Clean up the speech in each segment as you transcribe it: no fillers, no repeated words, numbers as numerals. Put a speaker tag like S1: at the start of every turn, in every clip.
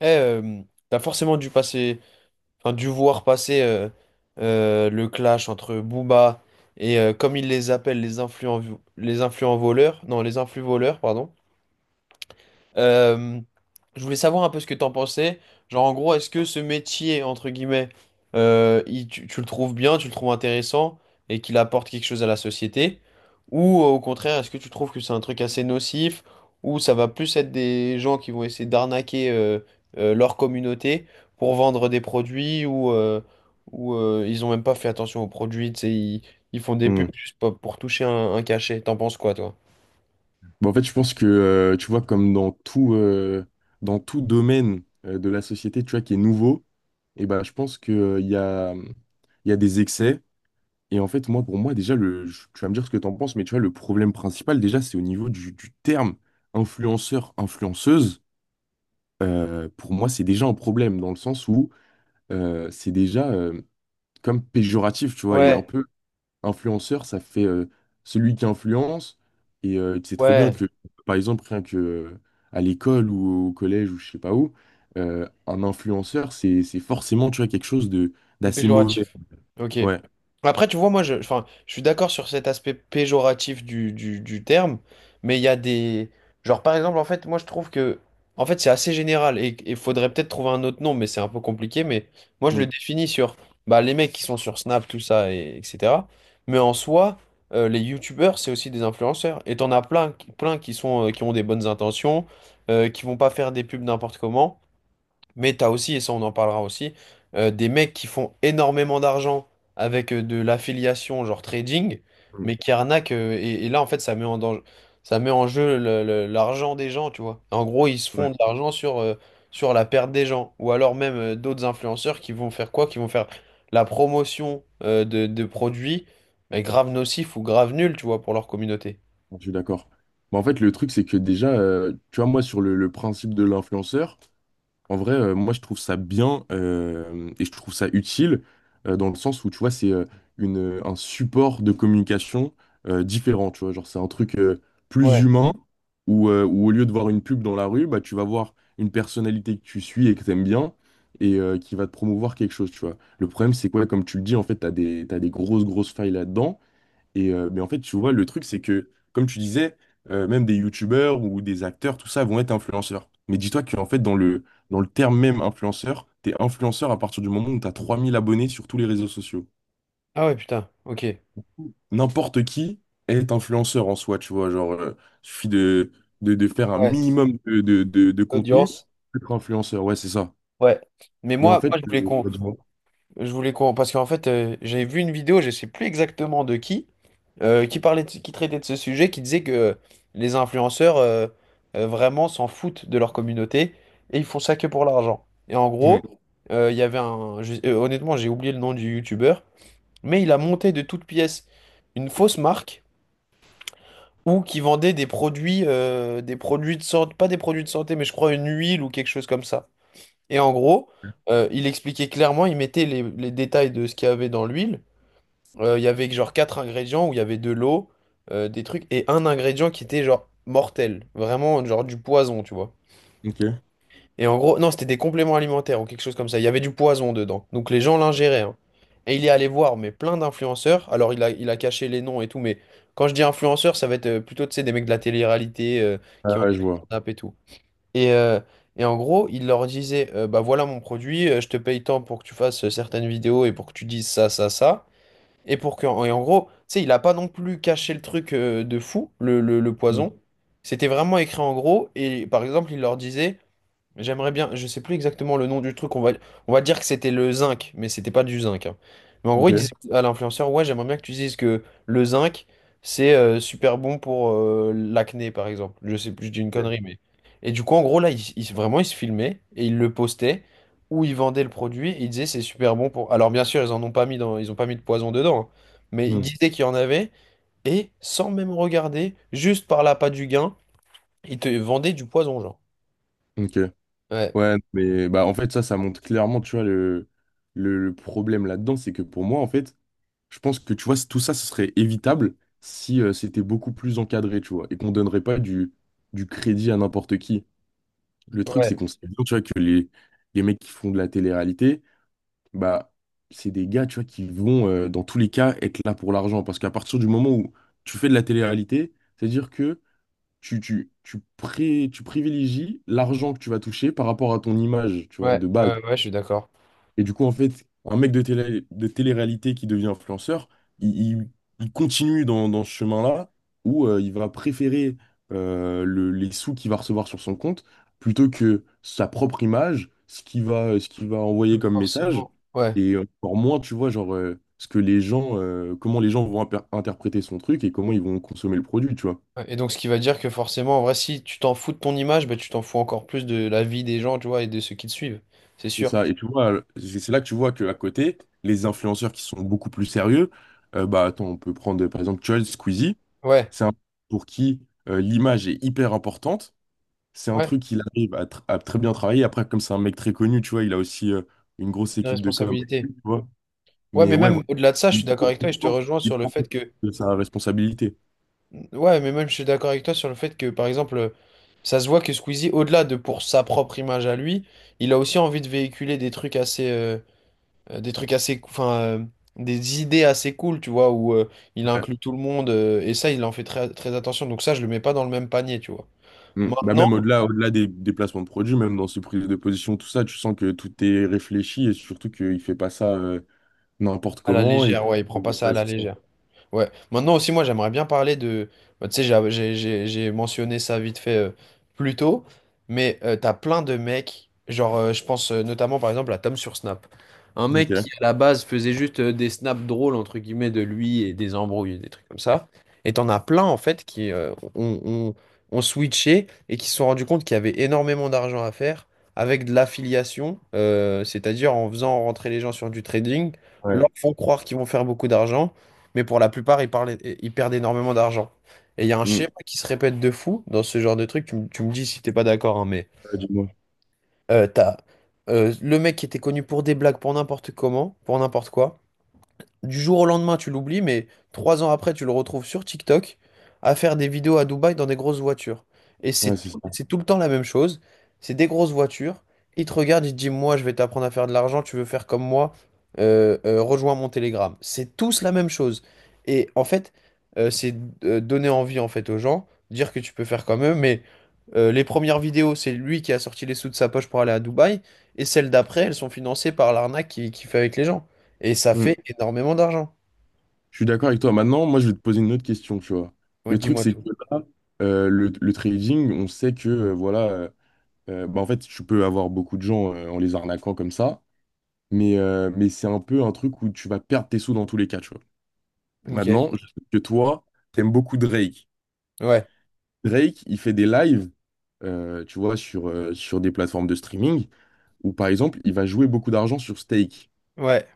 S1: Eh, t'as forcément dû passer, enfin, dû voir passer le clash entre Booba et comme ils les appellent les influents voleurs, non, les influx voleurs, pardon. Euh, je voulais savoir un peu ce que t'en pensais. Genre, en gros, est-ce que ce métier, entre guillemets, tu le trouves bien, tu le trouves intéressant et qu'il apporte quelque chose à la société? Ou au contraire, est-ce que tu trouves que c'est un truc assez nocif ou ça va plus être des gens qui vont essayer d'arnaquer leur communauté pour vendre des produits ou ils ont même pas fait attention aux produits, tu sais, ils font des pubs
S2: Hmm.
S1: juste pour toucher un cachet. T'en penses quoi, toi?
S2: Bah, en fait, je pense que, tu vois, comme dans dans tout domaine de la société, tu vois, qui est nouveau, et bah, je pense que, il y a, il y a des excès. Et en fait, moi, pour moi, déjà, tu vas me dire ce que tu en penses, mais tu vois, le problème principal, déjà, c'est au niveau du terme influenceur, influenceuse. Pour moi, c'est déjà un problème, dans le sens où c'est déjà comme péjoratif, tu vois, et un
S1: Ouais,
S2: peu. Influenceur, ça fait celui qui influence. Et tu sais très bien
S1: ouais.
S2: que, par exemple, rien que à l'école ou au collège ou je sais pas où, un influenceur, c'est forcément, tu vois, quelque chose de
S1: De
S2: d'assez mauvais.
S1: péjoratif. Ok.
S2: Ouais.
S1: Après, tu vois, moi, je, enfin, je suis d'accord sur cet aspect péjoratif du terme, mais il y a des. Genre, par exemple, en fait, moi, je trouve que. En fait, c'est assez général et il faudrait peut-être trouver un autre nom, mais c'est un peu compliqué. Mais moi, je le
S2: Mm,
S1: définis sur bah, les mecs qui sont sur Snap, tout ça, et, etc. Mais en soi, les youtubeurs, c'est aussi des influenceurs. Et t'en as plein, qui sont, qui ont des bonnes intentions, qui vont pas faire des pubs n'importe comment. Mais t'as aussi, et ça on en parlera aussi, des mecs qui font énormément d'argent avec de l'affiliation, genre trading,
S2: mm,
S1: mais qui arnaquent. Et là, en fait, ça met en danger, ça met en jeu l'argent des gens, tu vois. En gros, ils se
S2: ouais.
S1: font de l'argent sur la perte des gens. Ou alors même d'autres influenceurs qui vont faire quoi? Qui vont faire la promotion de produits mais grave nocifs ou grave nuls, tu vois, pour leur communauté.
S2: Je suis d'accord. Mais en fait, le truc, c'est que déjà, tu vois, moi, sur le principe de l'influenceur. En vrai, moi, je trouve ça bien et je trouve ça utile dans le sens où, tu vois, c'est un support de communication différent, tu vois. Genre, c'est un truc plus
S1: Ouais.
S2: humain où, où au lieu de voir une pub dans la rue, bah, tu vas voir une personnalité que tu suis et que t'aimes bien et qui va te promouvoir quelque chose, tu vois. Le problème, c'est quoi? Comme tu le dis, en fait, t'as des grosses, grosses failles là-dedans. Et, mais en fait, tu vois, le truc, c'est que, comme tu disais, même des youtubeurs ou des acteurs, tout ça, vont être influenceurs. Mais dis-toi qu'en fait, dans le terme même influenceur, t'es influenceur à partir du moment où t'as 3000 abonnés sur tous les réseaux sociaux.
S1: Ah ouais, putain, ok.
S2: N'importe qui est influenceur en soi, tu vois. Genre, suffit de faire un
S1: Ouais.
S2: minimum de contenu
S1: Audience.
S2: pour être influenceur. Ouais, c'est ça.
S1: Ouais. Mais
S2: Et en
S1: moi,
S2: fait,
S1: moi je voulais qu'on.
S2: bah, dis.
S1: Je voulais qu'on. Parce qu'en fait, j'avais vu une vidéo, je sais plus exactement de qui parlait de- qui traitait de ce sujet, qui disait que les influenceurs vraiment s'en foutent de leur communauté et ils font ça que pour l'argent. Et en
S2: Hmm,
S1: gros, il y avait un. Honnêtement, j'ai oublié le nom du youtubeur, mais il a monté de toutes pièces une fausse marque ou qui vendait des produits de santé, pas des produits de santé, mais je crois une huile ou quelque chose comme ça. Et en gros, il expliquait clairement, il mettait les détails de ce qu'il y avait dans l'huile. Il y avait que genre quatre ingrédients où il y avait de l'eau, des trucs, et un ingrédient qui était genre mortel. Vraiment, genre du poison, tu vois.
S2: ok.
S1: Et en gros, non, c'était des compléments alimentaires ou quelque chose comme ça. Il y avait du poison dedans. Donc les gens l'ingéraient, hein. Et il est allé voir, mais plein d'influenceurs. Alors il a caché les noms et tout, mais quand je dis influenceurs, ça va être plutôt, tu sais, des mecs de la télé-réalité qui ont
S2: Ah ouais,
S1: des
S2: je
S1: grandes
S2: vois.
S1: nappes et tout. Et, euh, et en gros, il leur disait, bah voilà mon produit, je te paye tant pour que tu fasses certaines vidéos et pour que tu dises ça, ça, ça. Et pour que, et en gros, tu sais, il a pas non plus caché le truc de fou, le
S2: Hmm,
S1: poison. C'était vraiment écrit en gros. Et par exemple, il leur disait. J'aimerais bien, je sais plus exactement le nom du truc, on va dire que c'était le zinc, mais c'était pas du zinc, hein. Mais en gros, il disait
S2: ok.
S1: à l'influenceur, ouais, j'aimerais bien que tu dises que le zinc, c'est super bon pour l'acné, par exemple. Je sais plus, je dis une connerie, mais. Et du coup, en gros, là, vraiment, il se filmait et il le postait, ou il vendait le produit, et il disait c'est super bon pour. Alors, bien sûr, ils en ont pas mis dans, ils ont pas mis de poison dedans, hein. Mais il
S2: Hmm,
S1: disait qu'il y en avait, et sans même regarder, juste par l'appât du gain, il te vendait du poison, genre.
S2: ok.
S1: Ouais.
S2: Ouais, mais bah en fait ça, ça montre clairement, tu vois, le, le problème là-dedans, c'est que pour moi, en fait, je pense que tu vois, tout ça, ce serait évitable si c'était beaucoup plus encadré, tu vois, et qu'on donnerait pas du crédit à n'importe qui. Le truc, c'est
S1: Ouais.
S2: qu'on sait bien, tu vois, que les mecs qui font de la télé-réalité, bah, c'est des gars, tu vois, qui vont, dans tous les cas, être là pour l'argent. Parce qu'à partir du moment où tu fais de la télé-réalité, c'est-à-dire que tu privilégies l'argent que tu vas toucher par rapport à ton image, tu vois,
S1: Ouais,
S2: de base.
S1: ouais, ouais, je suis d'accord.
S2: Et du coup, en fait, un mec de télé, de télé-réalité qui devient influenceur, il, il- il continue dans, dans ce chemin-là où il va préférer les sous qu'il va recevoir sur son compte plutôt que sa propre image, ce qu'il va envoyer
S1: Donc,
S2: comme message.
S1: forcément. Ouais.
S2: Et encore moins, tu vois, genre, ce que les gens, comment les gens vont interpréter son truc et comment ils vont consommer le produit, tu vois.
S1: Ouais. Et donc, ce qui va dire que forcément, en vrai, si tu t'en fous de ton image, bah, tu t'en fous encore plus de la vie des gens, tu vois, et de ceux qui te suivent. C'est
S2: C'est
S1: sûr.
S2: ça. Et tu vois, c'est là que tu vois qu'à côté, les influenceurs qui sont beaucoup plus sérieux, bah attends, on peut prendre par exemple Chol, Squeezie,
S1: Ouais,
S2: c'est un pour qui l'image est hyper importante. C'est un
S1: ouais,
S2: truc qu'il arrive à très bien travailler. Après, comme c'est un mec très connu, tu vois, il a aussi une grosse
S1: une
S2: équipe de com, avec
S1: responsabilité.
S2: lui, tu vois.
S1: Ouais,
S2: Mais
S1: mais
S2: ouais,
S1: même
S2: voilà,
S1: au-delà de ça, je suis d'accord avec toi et je te rejoins
S2: il
S1: sur le
S2: prend
S1: fait
S2: conscience
S1: que.
S2: de sa responsabilité.
S1: Ouais, mais même je suis d'accord avec toi sur le fait que, par exemple, ça se voit que Squeezie, au-delà de pour sa propre image à lui, il a aussi envie de véhiculer des trucs assez, des trucs assez, des idées assez cool, tu vois, où il
S2: Ouais.
S1: inclut tout le monde et ça, il en fait très, très attention. Donc ça, je le mets pas dans le même panier, tu vois.
S2: Mm. Bah
S1: Maintenant,
S2: même au-delà, au-delà des placements de produits, même dans ses prises de position, tout ça, tu sens que tout est réfléchi et surtout qu'il fait pas ça, n'importe
S1: à la
S2: comment. Et...
S1: légère, ouais, il prend pas ça à
S2: Ouais,
S1: la
S2: c'est ça.
S1: légère. Ouais. Maintenant aussi, moi, j'aimerais bien parler de. Bah, tu sais, j'ai mentionné ça vite fait plus tôt, mais t'as plein de mecs. Genre, je pense notamment par exemple à Tom sur Snap. Un mec
S2: Ok.
S1: qui à la base faisait juste des snaps drôles, entre guillemets, de lui et des embrouilles, des trucs comme ça. Et t'en as plein en fait qui ont switché et qui se sont rendus compte qu'il y avait énormément d'argent à faire avec de l'affiliation, c'est-à-dire en faisant rentrer les gens sur du trading, leur
S2: Ouais.
S1: font croire qu'ils vont faire beaucoup d'argent mais pour la plupart, ils parlent- ils perdent énormément d'argent. Et il y a un schéma
S2: Mm.
S1: qui se répète de fou dans ce genre de truc. Tu me dis si t'es pas d'accord, hein, mais
S2: Ouais, dis-moi.
S1: t'as le mec qui était connu pour des blagues, pour n'importe comment, pour n'importe quoi du jour au lendemain, tu l'oublies, mais 3 ans après, tu le retrouves sur TikTok à faire des vidéos à Dubaï dans des grosses voitures. Et
S2: Ouais, c'est ça.
S1: c'est tout le temps la même chose. C'est des grosses voitures. Il te regarde, il te dit, moi, je vais t'apprendre à faire de l'argent, tu veux faire comme moi, rejoins mon Telegram. C'est tous la même chose. Et en fait, c'est donner envie en fait aux gens, dire que tu peux faire comme eux, mais les premières vidéos, c'est lui qui a sorti les sous de sa poche pour aller à Dubaï, et celles d'après, elles sont financées par l'arnaque qu'il qui fait avec les gens. Et ça
S2: Mm.
S1: fait énormément d'argent.
S2: Je suis d'accord avec toi. Maintenant, moi, je vais te poser une autre question, tu vois.
S1: Ouais,
S2: Le truc,
S1: dis-moi
S2: c'est
S1: tout.
S2: que là, le trading, on sait que, voilà, bah, en fait, tu peux avoir beaucoup de gens en les arnaquant comme ça, mais c'est un peu un truc où tu vas perdre tes sous dans tous les cas, tu vois.
S1: Ok.
S2: Maintenant, je sais que toi, t'aimes beaucoup Drake.
S1: Ouais.
S2: Drake, il fait des lives, tu vois, sur, sur des plateformes de streaming où, par exemple, il va jouer beaucoup d'argent sur stake.
S1: Ouais.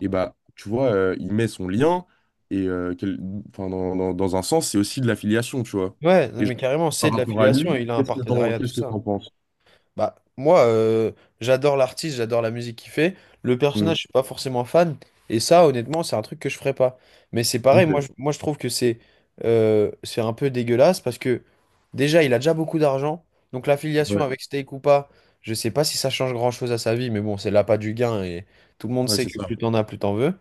S2: Et bah, tu vois, il met son lien, et enfin, dans un sens, c'est aussi de l'affiliation, tu vois.
S1: Ouais, non,
S2: Et je-
S1: mais carrément, c'est
S2: par
S1: de
S2: rapport à
S1: l'affiliation.
S2: lui,
S1: Il a un
S2: qu'est-ce que
S1: partenariat, tout
S2: qu'est-ce que
S1: ça.
S2: t'en penses?
S1: Bah, moi, j'adore l'artiste, j'adore la musique qu'il fait. Le
S2: Hmm.
S1: personnage, je suis pas forcément fan. Et ça, honnêtement, c'est un truc que je ferais pas. Mais c'est pareil, moi, je,
S2: Ok,
S1: moi, je trouve que c'est un peu dégueulasse parce que déjà, il a déjà beaucoup d'argent. Donc l'affiliation
S2: ouais,
S1: avec Steak ou pas, je sais pas si ça change grand-chose à sa vie, mais bon, c'est l'appât du gain et tout le monde
S2: ouais,
S1: sait
S2: c'est
S1: que plus
S2: ça.
S1: t'en as, plus t'en veux.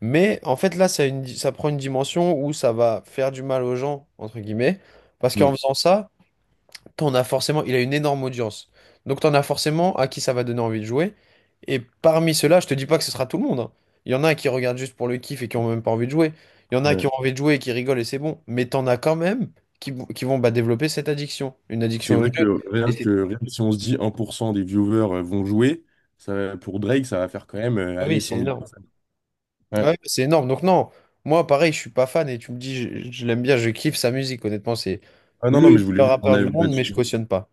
S1: Mais en fait, là, ça, ça prend une dimension où ça va faire du mal aux gens, entre guillemets, parce qu'en
S2: Hmm.
S1: faisant ça, t'en as forcément, il a une énorme audience. Donc, t'en as forcément à qui ça va donner envie de jouer. Et parmi ceux-là, je te dis pas que ce sera tout le monde, hein. Il y en a qui regardent juste pour le kiff et qui ont même pas envie de jouer. Il y en a
S2: Ouais.
S1: qui ont envie de jouer et qui rigolent et c'est bon. Mais t'en as quand même qui vont bah, développer cette addiction, une
S2: C'est
S1: addiction au jeu.
S2: vrai que
S1: Et
S2: rien
S1: c'est,
S2: que, rien que si on se dit 1% des viewers vont jouer, ça, pour Drake, ça va faire quand même
S1: ah oui,
S2: aller
S1: c'est
S2: 100 000
S1: énorme.
S2: personnes. Ouais.
S1: Ouais, bah, c'est énorme. Donc non, moi pareil, je suis pas fan et tu me dis je l'aime bien, je kiffe sa musique. Honnêtement, c'est
S2: Ah
S1: le
S2: non, non, mais je voulais
S1: meilleur
S2: juste ton
S1: rappeur du
S2: avis
S1: monde, mais je
S2: là.
S1: cautionne pas.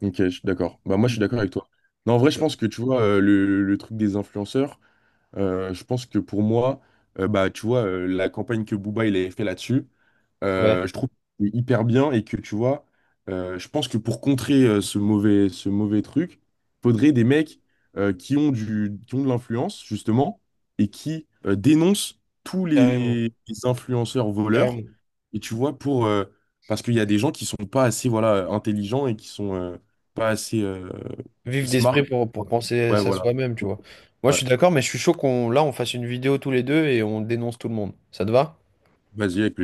S2: Ok, je suis d'accord. Bah, moi, je suis d'accord avec toi. Non, en vrai, je pense que, tu vois, le truc des influenceurs, je pense que pour moi, bah, tu vois, la campagne que Booba, il avait fait là-dessus,
S1: Ouais,
S2: je trouve que c'est hyper bien et que, tu vois, je pense que pour contrer ce mauvais truc, faudrait des mecs qui ont qui ont de l'influence, justement, et qui dénoncent tous
S1: carrément,
S2: les influenceurs voleurs.
S1: carrément.
S2: Et tu vois, pour... parce qu'il y a des gens qui sont pas assez, voilà, intelligents et qui sont... pas assez
S1: Vif
S2: smart.
S1: d'esprit pour penser
S2: Ouais,
S1: ça
S2: voilà.
S1: soi-même, tu vois. Moi, je suis
S2: Ouais.
S1: d'accord, mais je suis chaud qu'on là on fasse une vidéo tous les deux et on dénonce tout le monde. Ça te va?
S2: Vas-y, avec